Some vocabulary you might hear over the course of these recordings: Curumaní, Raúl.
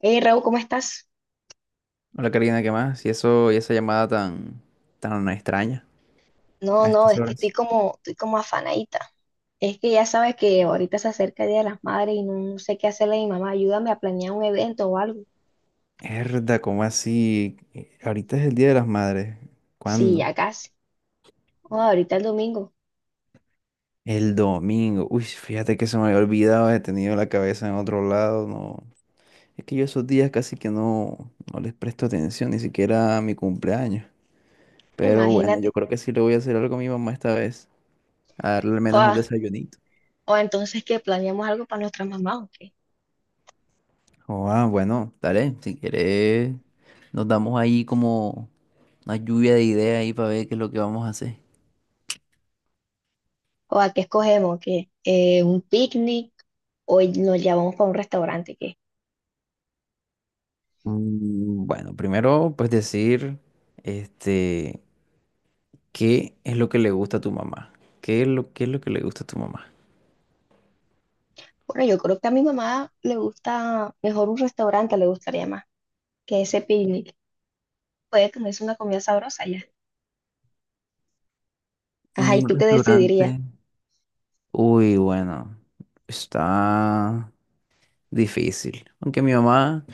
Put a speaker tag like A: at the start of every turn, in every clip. A: Hey Raúl, ¿cómo estás?
B: Hola Karina, ¿qué más? Y eso, y esa llamada tan extraña
A: No,
B: a
A: no,
B: estas
A: es que
B: horas.
A: estoy como afanadita. Es que ya sabes que ahorita se acerca el Día de las Madres y no sé qué hacerle a mi mamá. Ayúdame a planear un evento o algo.
B: Herda, ¿cómo así? Ahorita es el Día de las Madres.
A: Sí,
B: ¿Cuándo?
A: ya casi. O ahorita el domingo.
B: El domingo. Uy, fíjate que se me había olvidado, he tenido la cabeza en otro lado. No. Es que yo esos días casi que no les presto atención, ni siquiera a mi cumpleaños. Pero bueno, yo
A: Imagínate.
B: creo que sí le voy a hacer algo a mi mamá esta vez. A darle al menos un
A: O,
B: desayunito.
A: o entonces que planeamos algo para nuestras mamás o qué.
B: Oh, bueno, dale, si quieres, nos damos ahí como. Una lluvia de ideas ahí para ver qué es lo que vamos a hacer.
A: O a qué escogemos, que un picnic o nos llevamos para un restaurante, ¿qué?
B: Bueno, primero pues decir, este, ¿qué es lo que le gusta a tu mamá? ¿Qué es lo que le gusta a tu mamá?
A: Bueno, yo creo que a mi mamá le gusta mejor un restaurante, le gustaría más que ese picnic. Puede comerse una comida sabrosa ya. Ajá, ¿y
B: Un
A: tú qué decidirías?
B: restaurante. Uy, bueno, está difícil. Aunque mi mamá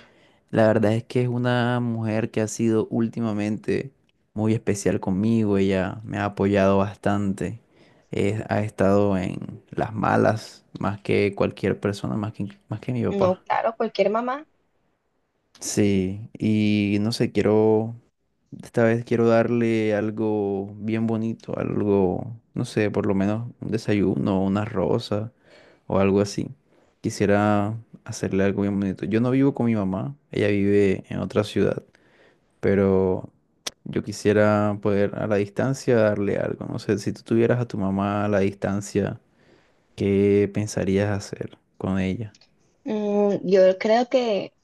B: La verdad es que es una mujer que ha sido últimamente muy especial conmigo. Ella me ha apoyado bastante. Ha estado en las malas más que cualquier persona, más que mi
A: No,
B: papá.
A: claro, cualquier mamá.
B: Sí, y no sé, esta vez quiero darle algo bien bonito, algo, no sé, por lo menos un desayuno, una rosa o algo así. Quisiera hacerle algo bien bonito. Yo no vivo con mi mamá, ella vive en otra ciudad, pero yo quisiera poder a la distancia darle algo. No sé, si tú tuvieras a tu mamá a la distancia, ¿qué pensarías hacer con ella?
A: Yo creo que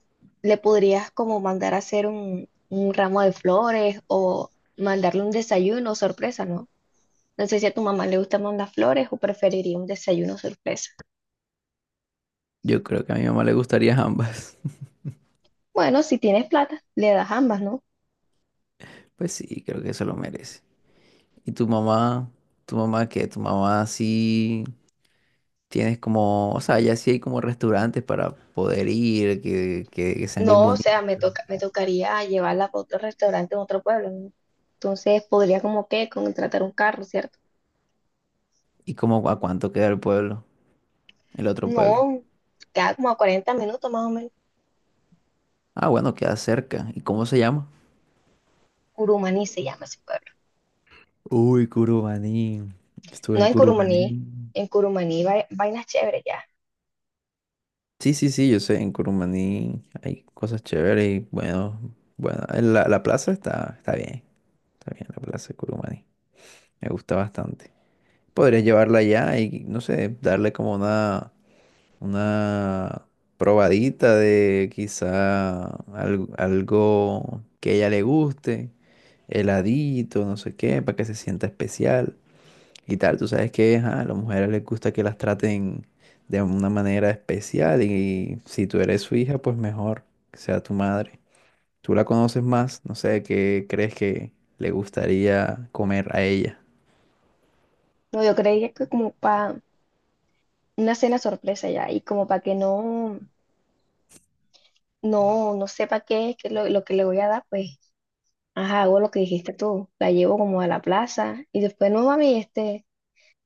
A: le podrías como mandar a hacer un ramo de flores o mandarle un desayuno sorpresa, ¿no? No sé si a tu mamá le gusta mandar flores o preferiría un desayuno sorpresa.
B: Yo creo que a mi mamá le gustaría ambas.
A: Bueno, si tienes plata, le das ambas, ¿no?
B: Pues sí, creo que eso lo merece. ¿Y tu mamá? ¿Tu mamá qué? ¿Tu mamá sí tienes como, o sea, ya sí hay como restaurantes para poder ir, que sean bien
A: No, o
B: bonitos?
A: sea, me tocaría llevarla a otro restaurante en otro pueblo, ¿no? Entonces podría como que contratar un carro, ¿cierto?
B: ¿Y cómo a cuánto queda el otro pueblo?
A: No, queda como a 40 minutos más o menos.
B: Ah, bueno, queda cerca. ¿Y cómo se llama?
A: Curumaní se llama ese pueblo.
B: Uy, Curumaní. Estuve
A: No
B: en
A: en Curumaní,
B: Curumaní.
A: en Curumaní vainas chéveres ya.
B: Sí, sí, sí, yo sé, en Curumaní hay cosas chéveres y bueno, bueno, en la plaza está bien la plaza de Curumaní. Me gusta bastante. Podrías llevarla allá y, no sé, darle como una probadita de quizá algo que a ella le guste, heladito, no sé qué, para que se sienta especial, y tal. Tú sabes que ajá, a las mujeres les gusta que las traten de una manera especial y si tú eres su hija, pues mejor que sea tu madre. Tú la conoces más, no sé qué crees que le gustaría comer a ella.
A: No, yo creía que como para una cena sorpresa ya y como para que no sepa qué es que lo que le voy a dar, pues, ajá, hago lo que dijiste tú. La llevo como a la plaza y después, no mami, este,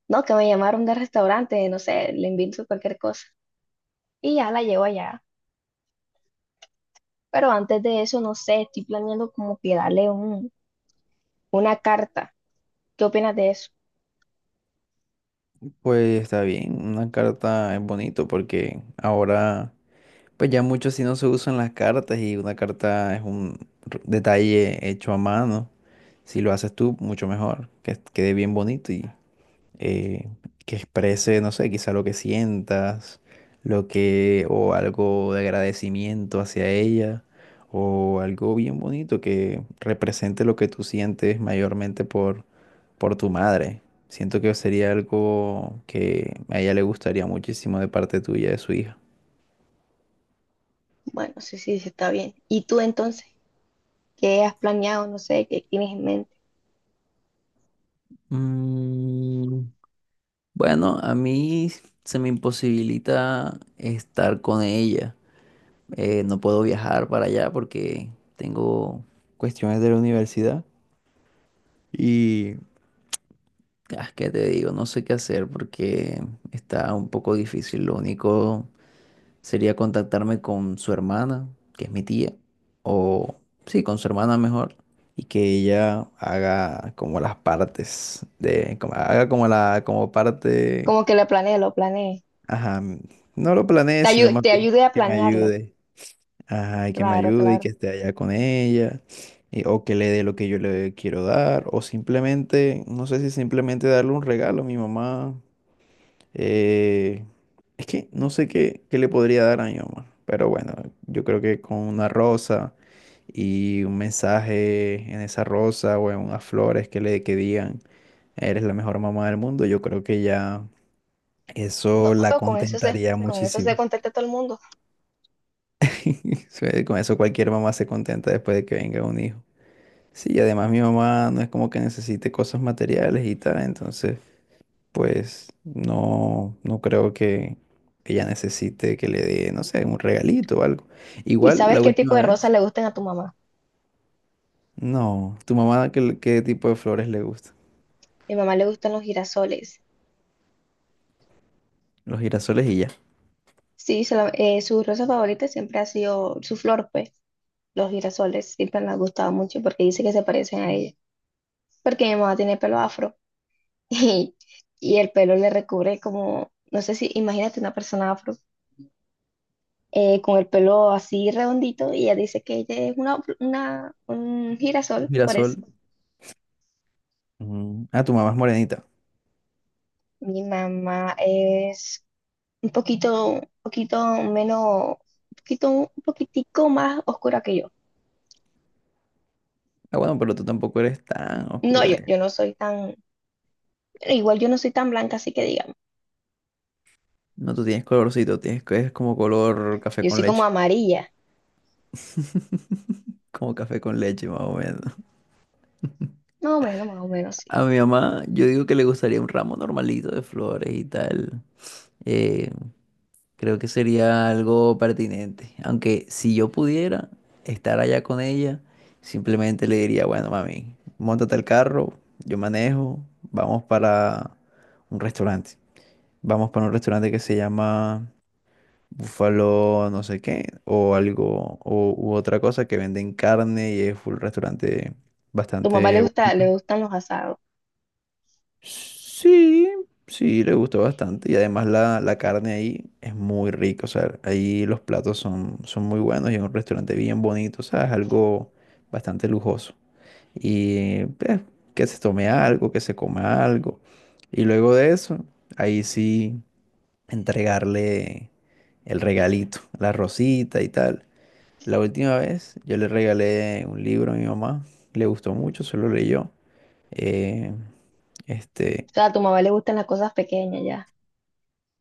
A: no, que me llamaron del restaurante, no sé, le invento cualquier cosa y ya la llevo allá. Pero antes de eso, no sé, estoy planeando como que darle una carta. ¿Qué opinas de eso?
B: Pues está bien, una carta es bonito porque ahora, pues ya mucho así no se usan las cartas y una carta es un detalle hecho a mano. Si lo haces tú, mucho mejor, que quede bien bonito y eh, que exprese, no sé, quizá lo que sientas, o algo de agradecimiento hacia ella, o algo bien bonito que represente lo que tú sientes mayormente por tu madre. Siento que sería algo que a ella le gustaría muchísimo de parte tuya, de su hija.
A: Bueno, sí, sí, sí, está bien. ¿Y tú entonces? ¿Qué has planeado? No sé, ¿qué tienes en mente?
B: Mm, bueno, a mí se me imposibilita estar con ella. No puedo viajar para allá porque tengo cuestiones de la universidad y, ¿qué te digo? No sé qué hacer porque está un poco difícil. Lo único sería contactarme con su hermana, que es mi tía, o sí, con su hermana mejor, y que ella haga como las partes de, como, haga como la, como parte,
A: Como que lo planeé, lo planeé.
B: ajá, no lo planeé,
A: Te
B: sino
A: ayu-
B: más
A: te
B: bien
A: ayudé a
B: que me
A: planearlo.
B: ayude. Ajá, y que me
A: Claro,
B: ayude y que
A: claro.
B: esté allá con ella, o que le dé lo que yo le quiero dar, o simplemente, no sé si simplemente darle un regalo a mi mamá. eh, es que no sé qué le podría dar a mi mamá, pero bueno, yo creo que con una rosa y un mensaje en esa rosa o en unas flores que digan, eres la mejor mamá del mundo, yo creo que ya eso
A: No,
B: la contentaría
A: con eso sé
B: muchísimo.
A: contacta a todo el mundo.
B: Con eso cualquier mamá se contenta después de que venga un hijo. Sí, y además mi mamá no es como que necesite cosas materiales y tal, entonces pues no creo que ella necesite que le dé, no sé, un regalito o algo.
A: ¿Y
B: Igual
A: sabes
B: la
A: qué tipo
B: última
A: de rosas
B: vez,
A: le gustan a tu mamá?
B: no, tu mamá, ¿qué tipo de flores le gusta?
A: A mi mamá le gustan los girasoles.
B: Los girasoles y ya.
A: Sí, su rosa favorita siempre ha sido su flor, pues. Los girasoles siempre le han gustado mucho porque dice que se parecen a ella. Porque mi mamá tiene pelo afro y, y el pelo le recubre como, no sé si, imagínate una persona afro con el pelo así redondito y ella dice que ella es un girasol, por
B: Girasol.
A: eso.
B: Ah, tu mamá es morenita.
A: Mi mamá es un poquito menos, un poquitico más oscura que yo.
B: Ah, bueno, pero tú tampoco eres tan
A: No,
B: oscura.
A: yo,
B: de-
A: yo no soy tan, igual yo no soy tan blanca, así que digamos,
B: No, tú tienes colorcito, tienes que es como color café
A: yo
B: con
A: soy como
B: leche,
A: amarilla,
B: como café con leche más o menos.
A: más o menos, sí.
B: A mi mamá, yo digo que le gustaría un ramo normalito de flores y tal. Eh, Creo que sería algo pertinente. Aunque si yo pudiera estar allá con ella, simplemente le diría, bueno, mami, móntate el carro, yo manejo, vamos para un restaurante. Vamos para un restaurante que se llama Búfalo no sé qué, o algo, u otra cosa que venden carne y es un restaurante
A: Tu mamá le
B: bastante
A: gusta, le
B: bonito.
A: gustan los asados,
B: Sí, sí, le gustó bastante. Y además la carne ahí es muy rica. O sea, ahí los platos son muy buenos y es un restaurante bien bonito. O sea, es algo bastante lujoso. Y pues, que se tome algo, que se coma algo. Y luego de eso, ahí sí, entregarle el regalito, la rosita y tal. La última vez yo le regalé un libro a mi mamá. Le gustó mucho, se lo leyó. Eh, este,
A: o sea, a tu mamá le gustan las cosas pequeñas ya.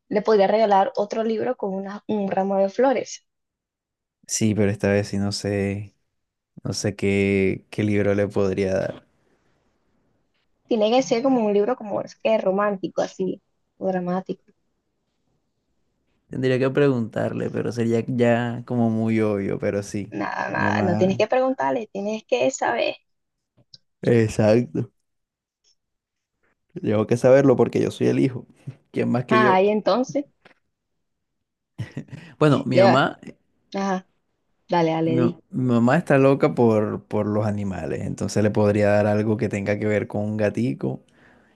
A: Le podría regalar otro libro con un ramo de flores.
B: sí, pero esta vez sí no sé qué libro le podría dar.
A: Tiene que ser como un libro como es que romántico, así, o dramático.
B: Tendría que preguntarle, pero sería ya como muy obvio, pero sí.
A: Nada,
B: Mi
A: nada, no tienes
B: mamá-
A: que preguntarle, tienes que saber.
B: Exacto. Tengo que saberlo porque yo soy el hijo. ¿Quién más que
A: Ajá,
B: yo?
A: y entonces,
B: Bueno,
A: le va, ajá, dale, dale,
B: mi,
A: di.
B: mi mamá está loca por los animales, entonces le podría dar algo que tenga que ver con un gatico.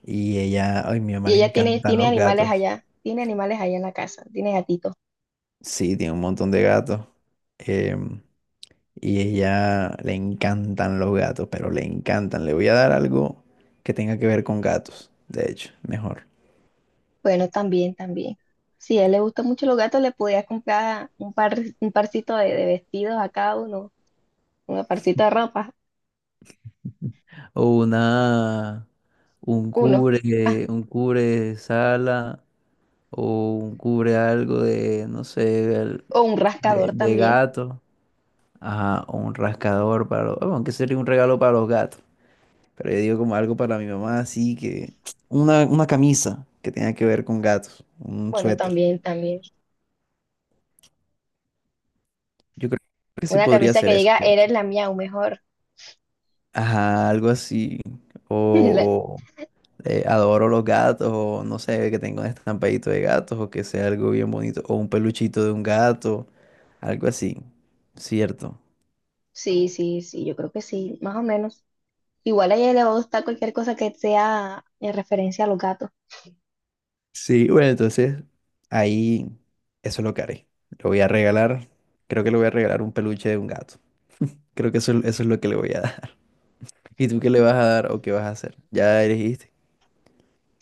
B: Ay, mi mamá
A: Y
B: le
A: ella tiene,
B: encantan los gatos.
A: tiene animales allá en la casa, tiene gatitos.
B: Sí, tiene un montón de gatos. Em, Y ella le encantan los gatos, pero le encantan. Le voy a dar algo que tenga que ver con gatos, de hecho, mejor.
A: Bueno, también, también. Si a él le gustan mucho los gatos, le podías comprar un par, un parcito de vestidos a cada uno, un parcito de ropa,
B: O un
A: uno. Ah,
B: cubre, un cubre sala o un cubre algo de, no sé,
A: o un
B: de,
A: rascador
B: de
A: también.
B: gato. Ajá, o un rascador para los, bueno, aunque sería un regalo para los gatos. Pero yo digo como algo para mi mamá, así que una camisa que tenga que ver con gatos, un
A: Bueno,
B: suéter.
A: también, también.
B: Yo creo que sí
A: Una
B: podría
A: camisa
B: ser
A: que
B: eso,
A: diga,
B: ¿cierto?
A: eres la mía, o mejor.
B: Ajá, algo así. O, o, Adoro los gatos, o no sé, que tenga un estampadito de gatos, o que sea algo bien bonito, o un peluchito de un gato, algo así, ¿cierto?
A: Sí, sí, sí, yo creo que sí, más o menos. Igual a ella le va a gustar cualquier cosa que sea en referencia a los gatos.
B: Sí, bueno, entonces ahí eso es lo que haré. Lo voy a regalar, creo que le voy a regalar un peluche de un gato. Creo que eso es lo que le voy a dar. ¿Y tú qué le vas a dar o qué vas a hacer? Ya elegiste.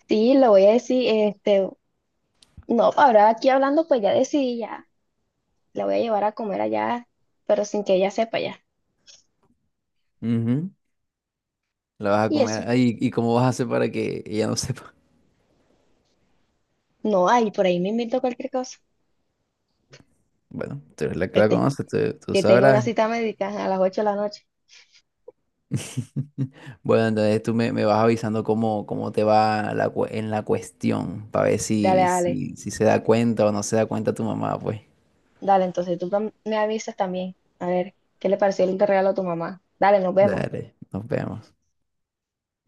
A: Sí, le voy a decir, este, no, ahora aquí hablando, pues ya decidí, ya, la voy a llevar a comer allá, pero sin que ella sepa ya.
B: Ujú. La vas a
A: Y
B: comer.
A: eso,
B: Ay, ¿y cómo vas a hacer para que ella no sepa?
A: no hay, por ahí me invito cualquier cosa.
B: Bueno, tú eres la que la
A: Este,
B: conoce, tú
A: que tengo una
B: sabrás.
A: cita médica a las 8 de la noche.
B: Bueno, entonces tú me vas avisando cómo te va en la cuestión, para ver
A: Dale,
B: si,
A: dale,
B: si, si se da cuenta o no se da cuenta tu mamá, pues.
A: dale, entonces me avisas también. A ver, ¿qué le pareció el regalo a tu mamá? Dale, nos vemos.
B: Dale, nos vemos.